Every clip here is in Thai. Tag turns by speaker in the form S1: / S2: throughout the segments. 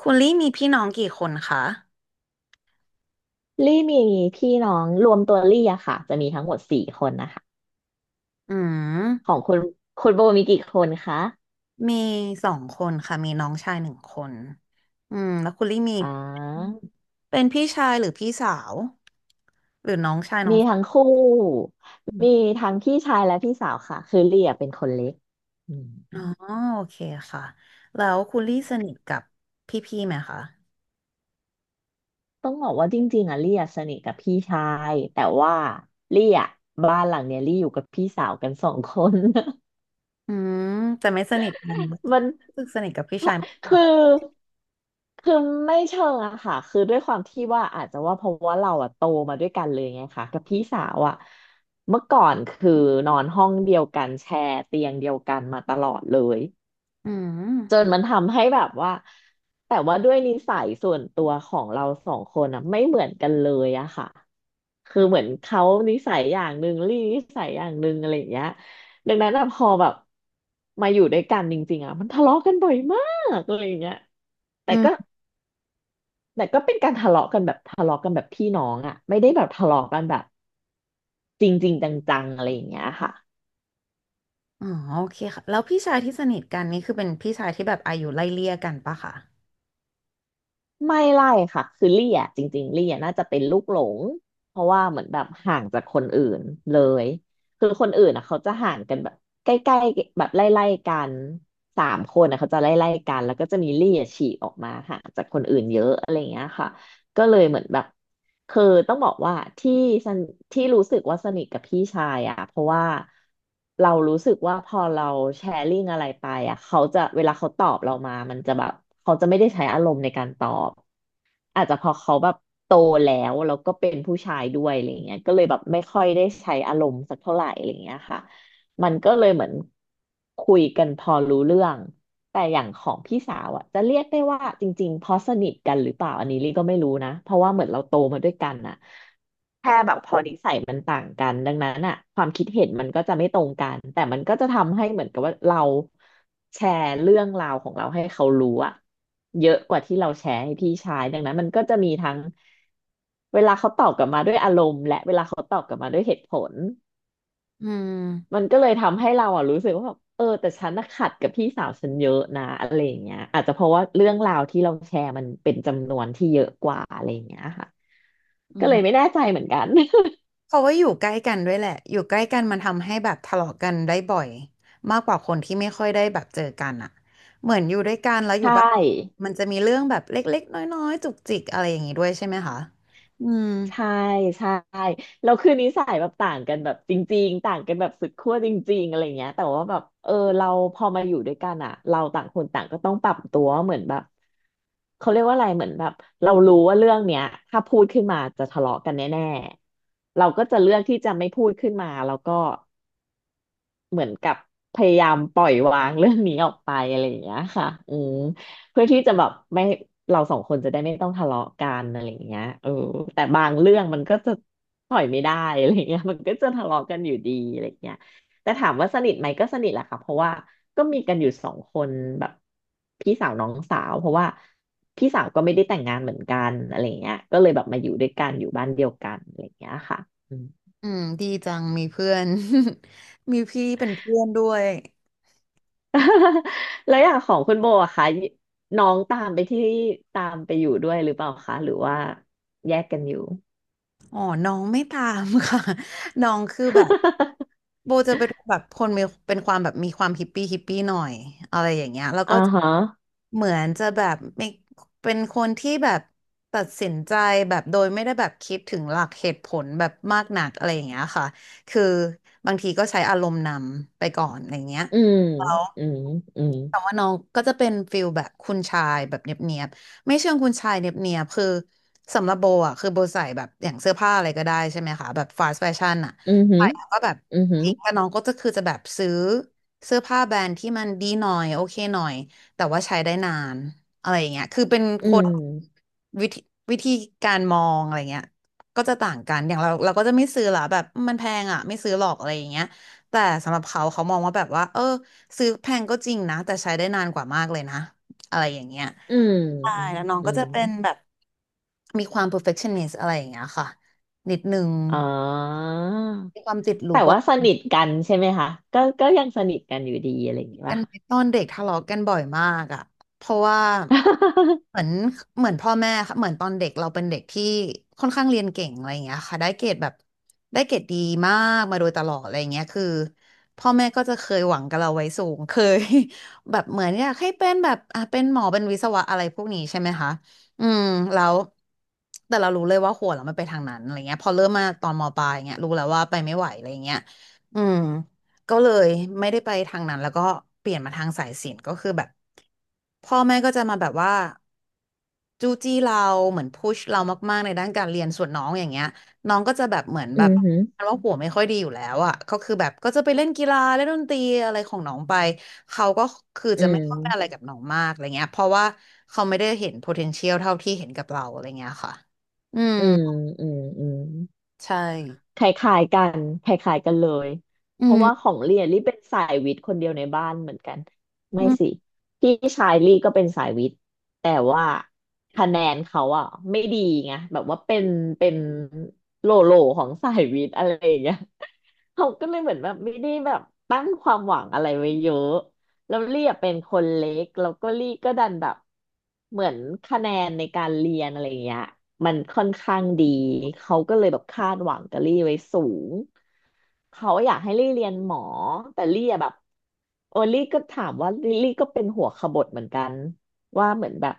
S1: คุณลี่มีพี่น้องกี่คนคะ
S2: ลี่มีพี่น้องรวมตัวลี่อะค่ะจะมีทั้งหมดสี่คนนะคะ
S1: อื
S2: ข
S1: ม
S2: องคุณคุณโบมีกี่คนคะ
S1: มีสองคนค่ะมีน้องชายหนึ่งคนอืมแล้วคุณลี่มี
S2: อ่า
S1: เป็นพี่ชายหรือพี่สาวหรือน้องชายน้อง
S2: มีทั้งคู่
S1: อ
S2: มี
S1: ม
S2: ทั้งพี่ชายและพี่สาวค่ะคือลี่อะเป็นคนเล็กอื
S1: อ๋อ
S2: ม
S1: โอเคค่ะแล้วคุณลี่สนิทกับพี่ๆไหมคะ
S2: ต้องบอกว่าจริงๆอะลี่อะสนิทกับพี่ชายแต่ว่าลี่อะบ้านหลังเนี้ยลี่อยู่กับพี่สาวกันสองคน
S1: อืมแต่ไม่สนิทกันรู้
S2: มัน
S1: สึกสนิทกับพี่ชายมากก
S2: คือ
S1: ว่า
S2: คือไม่เชิงอะค่ะคือด้วยความที่ว่าอาจจะว่าเพราะว่าเราอะโตมาด้วยกันเลยไงค่ะกับพี่สาวอะเมื่อก่อนคือนอนห้องเดียวกันแชร์เตียงเดียวกันมาตลอดเลย
S1: อืม
S2: จนมันทำให้แบบว่าแต่ว่าด้วยนิสัยส่วนตัวของเราสองคนอ่ะไม่เหมือนกันเลยอะค่ะ
S1: อื
S2: คือเหมือน
S1: ม
S2: เขานิสัยอย่างหนึ่งลี่นิสัยอย่างหนึ่งอะไรอย่างเงี้ยดังนั้นอะพอแบบมาอยู่ด้วยกันจริงๆอะมันทะเลาะกันบ่อยมากอะไรอย่างเงี้ยแต่
S1: อื
S2: ก็
S1: ม
S2: แต่ก็เป็นการทะเลาะกันแบบทะเลาะกันแบบพี่น้องอะไม่ได้แบบทะเลาะกันแบบจริงๆจังๆอะไรอย่างเงี้ยค่ะ
S1: อ๋อโอเคค่ะแล้วพี่ชายที่สนิทกันนี่คือเป็นพี่ชายที่แบบอายุไล่เลี่ยกันปะคะ
S2: ไม่ไล่ค่ะคือลี่อ่ะจริงๆลี่อ่ะน่าจะเป็นลูกหลงเพราะว่าเหมือนแบบห่างจากคนอื่นเลยคือคนอื่นอ่ะเขาจะห่างกันแบบใกล้ๆแบบไล่ๆกันสามคนอ่ะเขาจะไล่ๆกันแล้วก็จะมีลี่อ่ะฉีกออกมาห่างจากคนอื่นเยอะอะไรอย่างเงี้ยค่ะ ก็เลยเหมือนแบบคือต้องบอกว่าที่สนที่รู้สึกว่าสนิทกับพี่ชายอ่ะเพราะว่าเรารู้สึกว่าพอเราแชร์ลิงอะไรไปอ่ะเขาจะเวลาเขาตอบเรามามันจะแบบเขาจะไม่ได้ใช้อารมณ์ในการตอบอาจจะเพอเขาแบบโตแล้วก็เป็นผู้ชายด้วยอะไรเงี้ยก็เลยแบบไม่ค่อยได้ใช้อารมณ์สักเท่าไหร่อะไรเงี้ยค่ะมันก็เลยเหมือนคุยกันพอรู้เรื่อง แต่อย่างของพี่สาวอ่ะจะเรียกได้ว่าจริงๆเพราะสนิทกันหรือเปล่าอันนี้ลี่ก็ไม่รู้นะเพราะว่าเหมือนเราโตมาด้วยกันอ่ะแค่แบบพอนิสัยมันต่างกันดังนั้นอ่ะความคิดเห็นมันก็จะไม่ตรงกันแต่มันก็จะทำให้เหมือนกับว่าเราแชร์เรื่องราวของเราให้เขารู้อ่ะเยอะกว่าที่เราแชร์ให้พี่ชายดังนั้นมันก็จะมีทั้งเวลาเขาตอบกลับมาด้วยอารมณ์และเวลาเขาตอบกลับมาด้วยเหตุผล
S1: อื
S2: มั
S1: ม
S2: นก็เลยทำให้เราอ่ะรู้สึกว่าแบบเออแต่ฉันน่ะขัดกับพี่สาวฉันเยอะนะอะไรอย่างเงี้ยอาจจะเพราะว่าเรื่องราวที่เราแชร์มันเป็นจำนวนที่เยอะกว่าอะไรอย่างเงี้ยค่ะ
S1: อื
S2: ก็เลย
S1: ม
S2: ไม่แน่ใจเหมือนกัน
S1: เพราะว่าอยู่ใกล้กันด้วยแหละอยู่ใกล้กันมันทำให้แบบทะเลาะกันได้บ่อยมากกว่าคนที่ไม่ค่อยได้แบบเจอกันอะเหมือนอยู่ด้วยกันแล้วอ
S2: ใช
S1: ยู่บ้าน
S2: ่
S1: มันจะมีเรื่องแบบเล็กๆน้อยๆจุกจิกอะไรอย่างนี้ด้วยใช่ไหมคะอืม
S2: ใช่ใช่แล้วคือนิสัยแบบต่างกันแบบจริงๆต่างกันแบบสุดขั้วจริงๆอะไรเงี้ยแต่ว่าแบบเออเราพอมาอยู่ด้วยกันอ่ะเราต่างคนต่างก็ต้องปรับตัวเหมือนแบบเขาเรียกว่าอะไรเหมือนแบบเรารู้ว่าเรื่องเนี้ยถ้าพูดขึ้นมาจะทะเลาะกันแน่ๆเราก็จะเลือกที่จะไม่พูดขึ้นมาแล้วก็ เหมือนกับพยายามปล่อยวางเรื่องนี้ออกไปอะไรอย่างเงี้ยค่ะอืมเพื่อที่จะแบบไม่เราสองคนจะได้ไม่ต้องทะเลาะกันอะไรอย่างเงี้ยเออแต่บางเรื่องมันก็จะปล่อยไม่ได้อะไรอย่างเงี้ย มันก็จะทะเลาะกันอยู่ดีอะไรอย่างเงี้ยแต่ถามว่าสนิทไหมก็สนิทแหละค่ะเพราะว่าก็มีกันอยู่สองคนแบบพี่สาวน้องสาวเพราะว่าพี่สาวก็ไม่ได้แต่งงานเหมือนกันอะไรอย่างเงี้ยก็เลยแบบมาอยู่ด้วยกันอยู่บ้านเดียวกันอะไรอย่างเงี้ยค่ะ
S1: อืมดีจังมีเพื่อน มีพี่เป็นเพื่อนด้วย
S2: แล้วอย่างของคุณโบอะคะน้องตามไปอยู่ด้วยหรือเปล่าคะหรือว่าแยกกันอยู่
S1: อ๋อน้องไม่ตามค่ะ น้องคือแบบ โบจะเป็นแบบคนมีเป็นความแบบมีความฮิปปี้ฮิปปี้หน่อยอะไรอย่างเงี้ยแล้วก็
S2: อ่าฮะ
S1: เหมือนจะแบบไม่เป็นคนที่แบบตัดสินใจแบบโดยไม่ได้แบบคิดถึงหลักเหตุผลแบบมากหนักอะไรอย่างเงี้ยค่ะ คือบางทีก็ใช้อารมณ์นำไปก่อนอะไรอย่างเงี้ย
S2: อืมอืมอืม
S1: แต่ว่าน้องก็จะเป็นฟิลแบบคุณชายแบบเนียบๆไม่เชิงคุณชายเนียบๆคือสำหรับโบอ่ะคือโบใส่แบบอย่างเสื้อผ้าอะไรก็ได้ใช่ไหมคะแบบฟาสต์แฟชั่นอ่ะ
S2: อืมหื
S1: ใส่
S2: ม
S1: แล้วก็แบบ
S2: อืมหืม
S1: อีกแต่น้องก็จะคือจะแบบซื้อเสื้อผ้าแบรนด์ที่มันดีหน่อยโอเคหน่อยแต่ว่าใช้ได้นานอะไรอย่างเงี้ยคือเป็น
S2: อื
S1: คน
S2: ม
S1: วิธีวิธีการมองอะไรเงี้ยก็จะต่างกันอย่างเราก็จะไม่ซื้อละแบบมันแพงอ่ะไม่ซื้อหรอกอะไรอย่างเงี้ยแต่สำหรับเขาเขามองว่าแบบว่าเออ ซื้อแพงก็จริงนะแต่ใช้ได้นานกว่ามากเลยนะอะไรอย่างเงี้ย
S2: อืม
S1: ใช่
S2: อืม
S1: แล้วน้อง
S2: อื
S1: ก็จะ
S2: ม
S1: เป็นแบบมีความ perfectionist อะไรอย่างเงี้ยค่ะนิดนึง
S2: อ๋อ
S1: มีความติดลู
S2: แต่
S1: ก
S2: ว่าสนิทกันใช่ไหมคะก็ก็ยังสนิทกันอยู่ดีอะไรอย่างงี้
S1: กั
S2: ป่ะ
S1: นไห
S2: คะ
S1: มตอนเด็กทะเลาะกันบ่อยมากอ่ะเพราะว่าเหมือ นเหมือนพ่อแม่ค่ะเหมือนตอนเด็กเราเป็นเด็กที่ค่อนข้างเรียนเก่งอะไรอย่างเงี้ยค่ะได้เกรดแบบได้เกรดดีมากมาโดยตลอดอะไรอย่างเงี้ยคือพ่อแม่ก็จะเคยหวังกับเราไว้สูงเคย แบบเหมือนอยากให้เป็นแบบอ่ะเป็นหมอเป็นวิศวะอะไรพวกนี้ใช่ไหมคะอืมแล้วแต่เรารู้เลยว่าหัวเราไม่ไปทางนั้นอะไรเงี้ยพอเริ่มมาตอนมปลายเงี้ยรู้แล้วว่าไปไม่ไหวอะไรเงี้ยอืม ก็เลยไม่ได้ไปทางนั้นแล้วก็เปลี่ยนมาทางสายศิลป์ก็คือแบบพ่อแม่ก็จะมาแบบว่าจู้จี้เราเหมือนพุชเรามากๆในด้านการเรียนส่วนน้องอย่างเงี้ยน้องก็จะแบบเหมือน
S2: อื
S1: แบบ
S2: ม
S1: ว
S2: หืม
S1: ่าหัวไม่ค่อยดีอยู่แล้วอ่ะก็คือแบบก็จะไปเล่นกีฬาเล่นดนตรีอะไรของน้องไปเขาก็คือ
S2: อื
S1: จะไม่
S2: ม
S1: ค่อยอะไรกับน้องมากอะไรเงี้ยเพราะว่าเขาไม่ได้เห็น potential เท่าที่เห็นกับเราอะไรเงี้ยค่ะอืม
S2: อืมอืมอืม
S1: ใช่
S2: คล้ายๆกันคล้ายๆกันเลย
S1: อื
S2: เพราะว่าข
S1: ม
S2: องลี่อะลี่เป็นสายวิทย์คนเดียวในบ้านเหมือนกัน
S1: อื
S2: ไม่สิ
S1: ม
S2: พี่ชายลี่ก็เป็นสายวิทย์แต่ว่าคะแนนเขาอ่ะไม่ดีไงแบบว่าเป็นเป็นโลโลของสายวิทย์อะไรอย่างเงี้ยเขาก็เลยเหมือนแบบไม่ได้แบบตั้งความหวังอะไรไว้เยอะ แล้วลี่อะเป็นคนเล็กแล้วก็ลี่ก็ดันแบบเหมือนคะแนนในการเรียนอะไรเงี้ยมันค่อนข้างดีเขาก็เลยแบบคาดหวังกับลี่ไว้สูงเขาอยากให้ลี่เรียนหมอแต่ลี่อะแบบโอลี่ก็ถามว่าลี่ก็เป็นหัวขบถเหมือนกันว่าเหมือนแบบ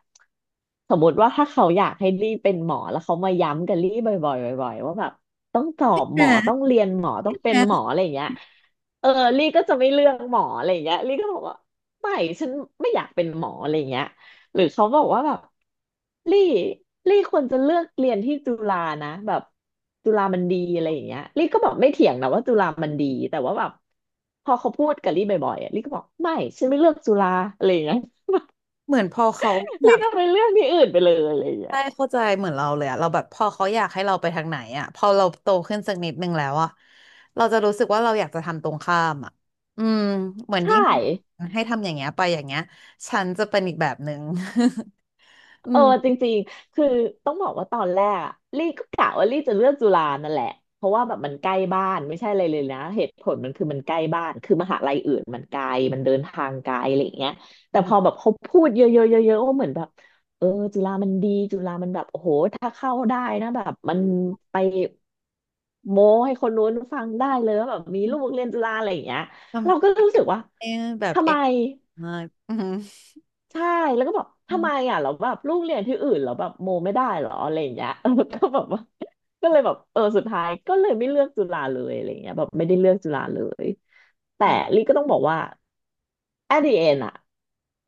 S2: สมมติว่าถ้าเขาอยากให้ลี่เป็นหมอแล้วเขามาย้ำกับลี่บ่อยๆบ่อยๆว่าแบบต้องสอบหมอต้
S1: อ่า
S2: องเรียนหมอต้
S1: อ
S2: องเป็น
S1: ่
S2: หมอ
S1: า
S2: อะไรอย่างเงี้ย เออลี่ก็จะไม่เลือกหมออะไรอย่างเงี้ยลี่ก็บอกว่าไม่ฉันไม่อยากเป็นหมออะไรอย่างเงี้ยหรือเขาบอกว่าแบบลี่ลี่ควรจะเลือกเรียนที่จุฬานะแบบจุฬามันดีอะไรอย่างเงี้ยลี่ก็แบบไม่เถียงนะว่าจุฬามันดีแต่ว่าแบบพอเขาพูดกับลี่บ่อยๆอะลี่ก็บอกไม่ฉันไม่เลือกจุฬาอะไรอย่างเงี้ย
S1: เหมือนพอเขา
S2: ลี่ก็ไปเลือกที่อื่นไปเลยอะไรอย่างเงี้
S1: ใช่
S2: ย
S1: เข้าใจเหมือนเราเลยอะเราแบบพอเขาอยากให้เราไปทางไหนอะพอเราโตขึ้นสักนิดนึงแล้วอะเราจะรู้สึกว่าเราอยากจะทำตรงข้ามอะอืมเหมือน
S2: ใช่
S1: ยิ่งให้ทำอย่างเงี้ยไปอย่างเงี้ยฉันจะเป็นอีกแบบหนึ่ง อื
S2: เออ
S1: ม
S2: จริงๆคือต้องบอกว่าตอนแรกอะลี่ก็กะว่าลี่จะเลือกจุฬานั่นแหละเพราะว่าแบบมันใกล้บ้านไม่ใช่อะไรเลยนะเหตุผลมันคือมันใกล้บ้านคือมหาลัยอื่นมันไกลมันเดินทางไกลอะไรอย่างเงี้ยแต่พอแบบเขาพูดเยอะๆเยอะๆว่าเหมือนแบบเออจุฬามันดีจุฬามันแบบโอ้โหถ้าเข้าได้นะแบบมันไปโม้ให้คนนู้นฟังได้เลยว่าแบบมีลูกเรียนจุฬาอะไรอย่างเงี้ยเรา
S1: ทำ
S2: ก็
S1: ใจ
S2: รู้สึกว่า
S1: แบบ
S2: ทำ
S1: เอ
S2: ไม
S1: งอืม
S2: ใช่แล้วก็บอก
S1: อื
S2: ทำไม
S1: ม
S2: อ่ะเราแล้วแบบลูกเรียนที่อื่นเราแล้วแบบโมไม่ได้เหรออะไรอย่างเงี้ย ก็แบบว่าก็เลยแบบเออสุดท้ายก็เลยไม่เลือกจุฬาเลยอะไรอย่างเงี้ยแบบไม่ได้เลือกจุฬาเลยแต่
S1: อืม
S2: ลิก็ต้องบอกว่า at the end อ่ะ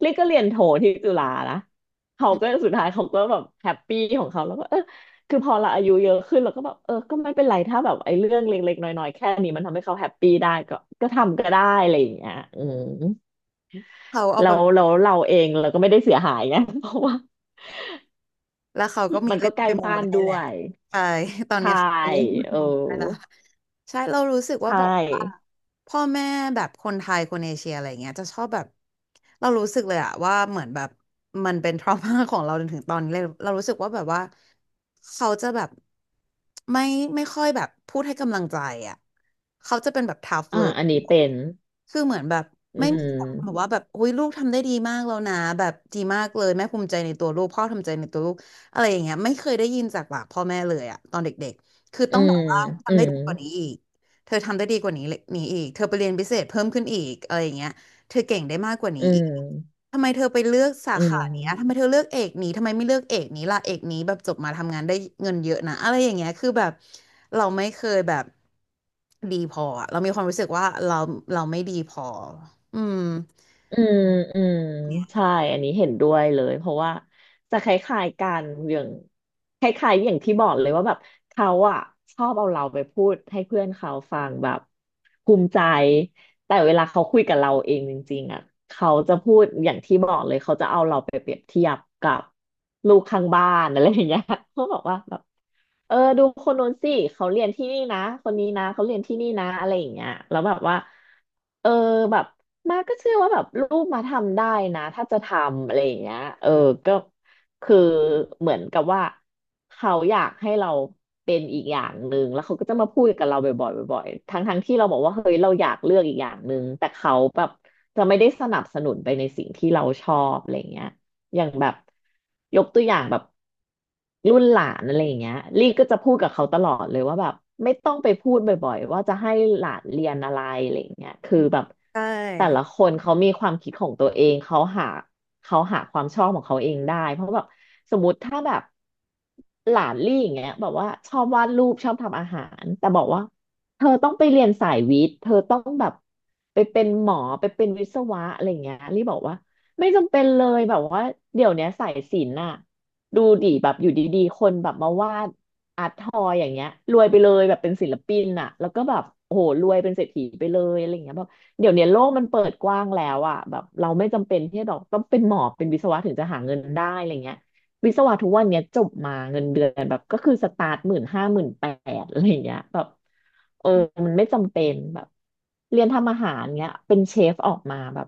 S2: ลิก็เรียนโทที่จุฬานะเขา
S1: อื
S2: ก็
S1: ม
S2: สุดท้ายเขาก็แบบแฮปปี้ของเขาแล้วก็เออคือพอเราอายุเยอะขึ้นเราก็แบบเออก็ไม่เป็นไรถ้าแบบไอ้เรื่องเล็กๆน้อยๆแค่นี้มันทำให้เขาแฮปปี้ได้ก็ก็ทำก็ได้อะไรอย่างเงี้ยอืม
S1: เขาเอา
S2: แล้
S1: ไป
S2: วแล้วเราเองเราก็ไม่ได้เสียหายไง เพราะว่า
S1: แล้วเขาก็มี
S2: มัน
S1: เล่
S2: ก็
S1: น
S2: ใกล้
S1: ไปโม
S2: บ้าน
S1: ได้แห
S2: ด้ว
S1: ละ
S2: ย
S1: ใช่ ตอนเนี้
S2: ใช่
S1: ยเขามีเล่นไป
S2: เออ
S1: โมได้ละใช่เรารู้สึกว่า
S2: ใช่
S1: แบบว่าพ่อแม่แบบคนไทยคนเอเชียอะไรเงี้ยจะชอบแบบเรารู้สึกเลยอะว่าเหมือนแบบมันเป็น ทรมาของเราจนถึงตอนนี้เลยเรารู้สึกว่าแบบว่าเขาจะแบบไม่ไม่ค่อยแบบพูดให้กำลังใจอะเขาจะเป็นแบบทัฟ
S2: อ่า
S1: เลย
S2: อันนี้เป็น
S1: คือเหมือนแบบ
S2: อื
S1: ไม่มีความแบบ
S2: ม
S1: ว่าแบบอุ้ยลูกทำได้ดีมากแล้วนะแบบดีมากเลยแม่ภูมิใจในตัวลูกพ่อทำใจในตัวลูก อะไรอย่างเงี้ยไม่เคยได้ยินจากปากพ่อแม่เลยอะตอนเด็กๆคือ
S2: อื
S1: ต้องแบ
S2: ม
S1: บว่า
S2: อื
S1: ทำได้
S2: ม
S1: ดีกว่านี้อีกเธอทำได้ดีกว่านี้เลยนี้อีกเธอไปเรียนพิเศษเพิ่มขึ้นอีกอะไรอย่างเงี้ยเธอเก่งได้มากกว่านี้
S2: อื
S1: อีก
S2: ม
S1: ทำไมเธอไปเลือกสา
S2: อื
S1: ขาเนี้ยทำ
S2: ม
S1: ไมเธอเลือกเอกนี้ทำไมไม่เลือกเอกนี้ล่ะเอกนี้แบบจบมาทำงานได้เงินเยอะนะอะไรอย่างเงี้ยคือแบบเราไม่เคยแบบดีพออะเรามีความรู้สึกว่าเราไม่ดีพออืม
S2: อืมอืมใช่อันนี้เห็นด้วยเลยเพราะว่าจะคล้ายๆกันอย่างคล้ายๆอย่างที่บอกเลยว่าแบบเขาอะชอบเอาเราไปพูดให้เพื่อนเขาฟังแบบภูมิใจแต่เวลาเขาคุยกับเราเองจริงๆอะเขาจะพูดอย่างที่บอกเลยเขาจะเอาเราไปเปรียบเทียบกับลูกข้างบ้านอะไรอย่างเงี้ย เขาบอกว่าแบบเออดูคนโน้นสิเขาเรียนที่นี่นะคนนี้นะเขาเรียนที่นี่นะอะไรอย่างเงี้ยแล้วแบบว่าเออแบบ มาก็เชื่อว่าแบบลูกมาทำได้นะถ้าจะทำอะไรอย่างเงี้ยเออก็คือเหมือนกับว่าเขาอยากให้เราเป็นอีกอย่างหนึ่งแล้วเขาก็จะมาพูดกับเราบ่อยๆบ่อยๆทั้งที่เราบอกว่าเฮ้ยเราอยากเลือกอีกอย่างหนึ่งแต่เขาแบบจะไม่ได้สนับสนุนไปในสิ่งที่เราชอบอะไรอย่างเงี้ย อย่างแบบยกตัวอย่างแบบรุ่นหลานอะไรอย่างเงี้ยลี่ก็จะพูดกับเขาตลอดเลยว่าแบบไม่ต้องไปพูดบ่อยๆว่าจะให้หลานเรียนอะไรอะไรอย่างเงี้ยคือแบบ
S1: ใช่
S2: แต่ละคนเขามีความคิดของตัวเองเขาหาเขาหาความชอบของเขาเองได้เพราะแบบสมมติถ้าแบบหลานลี่อย่างเงี้ยแบบว่าชอบวาดรูปชอบทำอาหารแต่บอกว่าเธอต้องไปเรียนสายวิทย์เธอต้องแบบไปเป็นหมอไปเป็นวิศวะอะไรอย่างเงี้ยลี่บอกว่า ไม่จำเป็นเลยแบบว่าเดี๋ยวเนี้ยสายศิลป์น่ะดูดิแบบอยู่ดีๆคนแบบมาวาดอาร์ตทอยอย่างเงี้ยรวยไปเลยแบบเป็นศิลปินน่ะแล้วก็แบบโอ้โหรวยเป็นเศรษฐีไปเลยอะไรอย่างเงี้ยแบบเดี๋ยวเนี้ยโลกมันเปิดกว้างแล้วอ่ะแบบเราไม่จำเป็นที่จะแบบต้องเป็นหมอเป็นวิศวะถึงจะหาเงินได้อะไรเงี้ย วิศวะทุกวันเนี้ยจบมาเงินเดือนแบบก็คือสตาร์ทหมื่นห้าหมื่นแปดอะไรอย่างเงี้ยแบบเออมันไม่จำเป็นแบบเรียนทำอาหารเงี้ยเป็นเชฟออกมาแบบ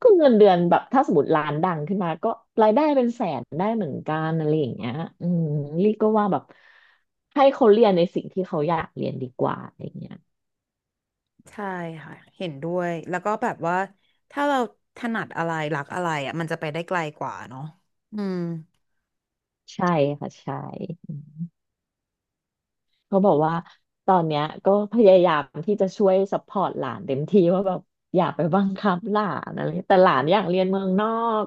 S2: ก็เงินเดือนแบบถ้าสมมติร้านดังขึ้นมาก็รายได้เป็นแสนได้เหมือนกันอะไรอย่างเงี้ยอืมลี่ก็ว่าแบบให้เขาเรียนในสิ่งที่เขาอยากเรียนดีกว่าอะไรอย่างเงี้ย
S1: ใช่ค่ะเห็นด้วยแล้วก็แบบว่าถ้าเราถนัดอะไรรักอะไรอ่ะมันจะไปได้ไกลกว่าเนาะอืม
S2: ใช่ค่ะใช่ เขาบอกว่าตอนเนี้ยก็พยายามที่จะช่วยซัพพอร์ตหลานเต็มที่ว่าแบบอย่าไปบังคับหลานอะไรแต่หลานอยากเรียนเมืองนอก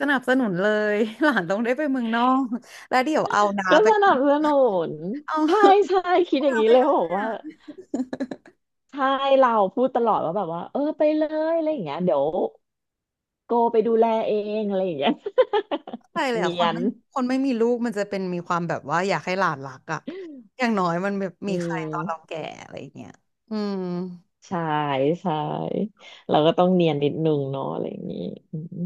S1: สนับสนุนเลย หลานต้องได้ไปเมืองนอกแล้วเดี๋ยวเอาน้า
S2: ก็
S1: ไป
S2: สนับสนุน
S1: เอา
S2: ใช่ใช่คิด อย่าง
S1: น้า
S2: นี้
S1: ไป
S2: เลย
S1: ด้
S2: ว่าบ
S1: ว
S2: อ
S1: ย
S2: กว่า
S1: นะ
S2: ใช่เราพูดตลอดว่าแบบว่าเออไปเลยอะไรอย่างเงี้ยเดี๋ยวโกไปดูแลเองอะไรอย่างเงี้ย
S1: ไป เลย
S2: เนี
S1: อ่ะค
S2: ย
S1: น
S2: น
S1: ไม่คนไม่มีลูกมันจะเป็นมีความแบบว่าอยากให้หลานรักอ่ะอย่างน้อยมันแบบ
S2: อื
S1: มีใครตอนเรา
S2: ม
S1: แก่อะไรอย่างเงี้ยอืม
S2: ใช่ใช่เราก็ต้องเนียนนิดนึงเนาะอะไรอย่างงี้อืม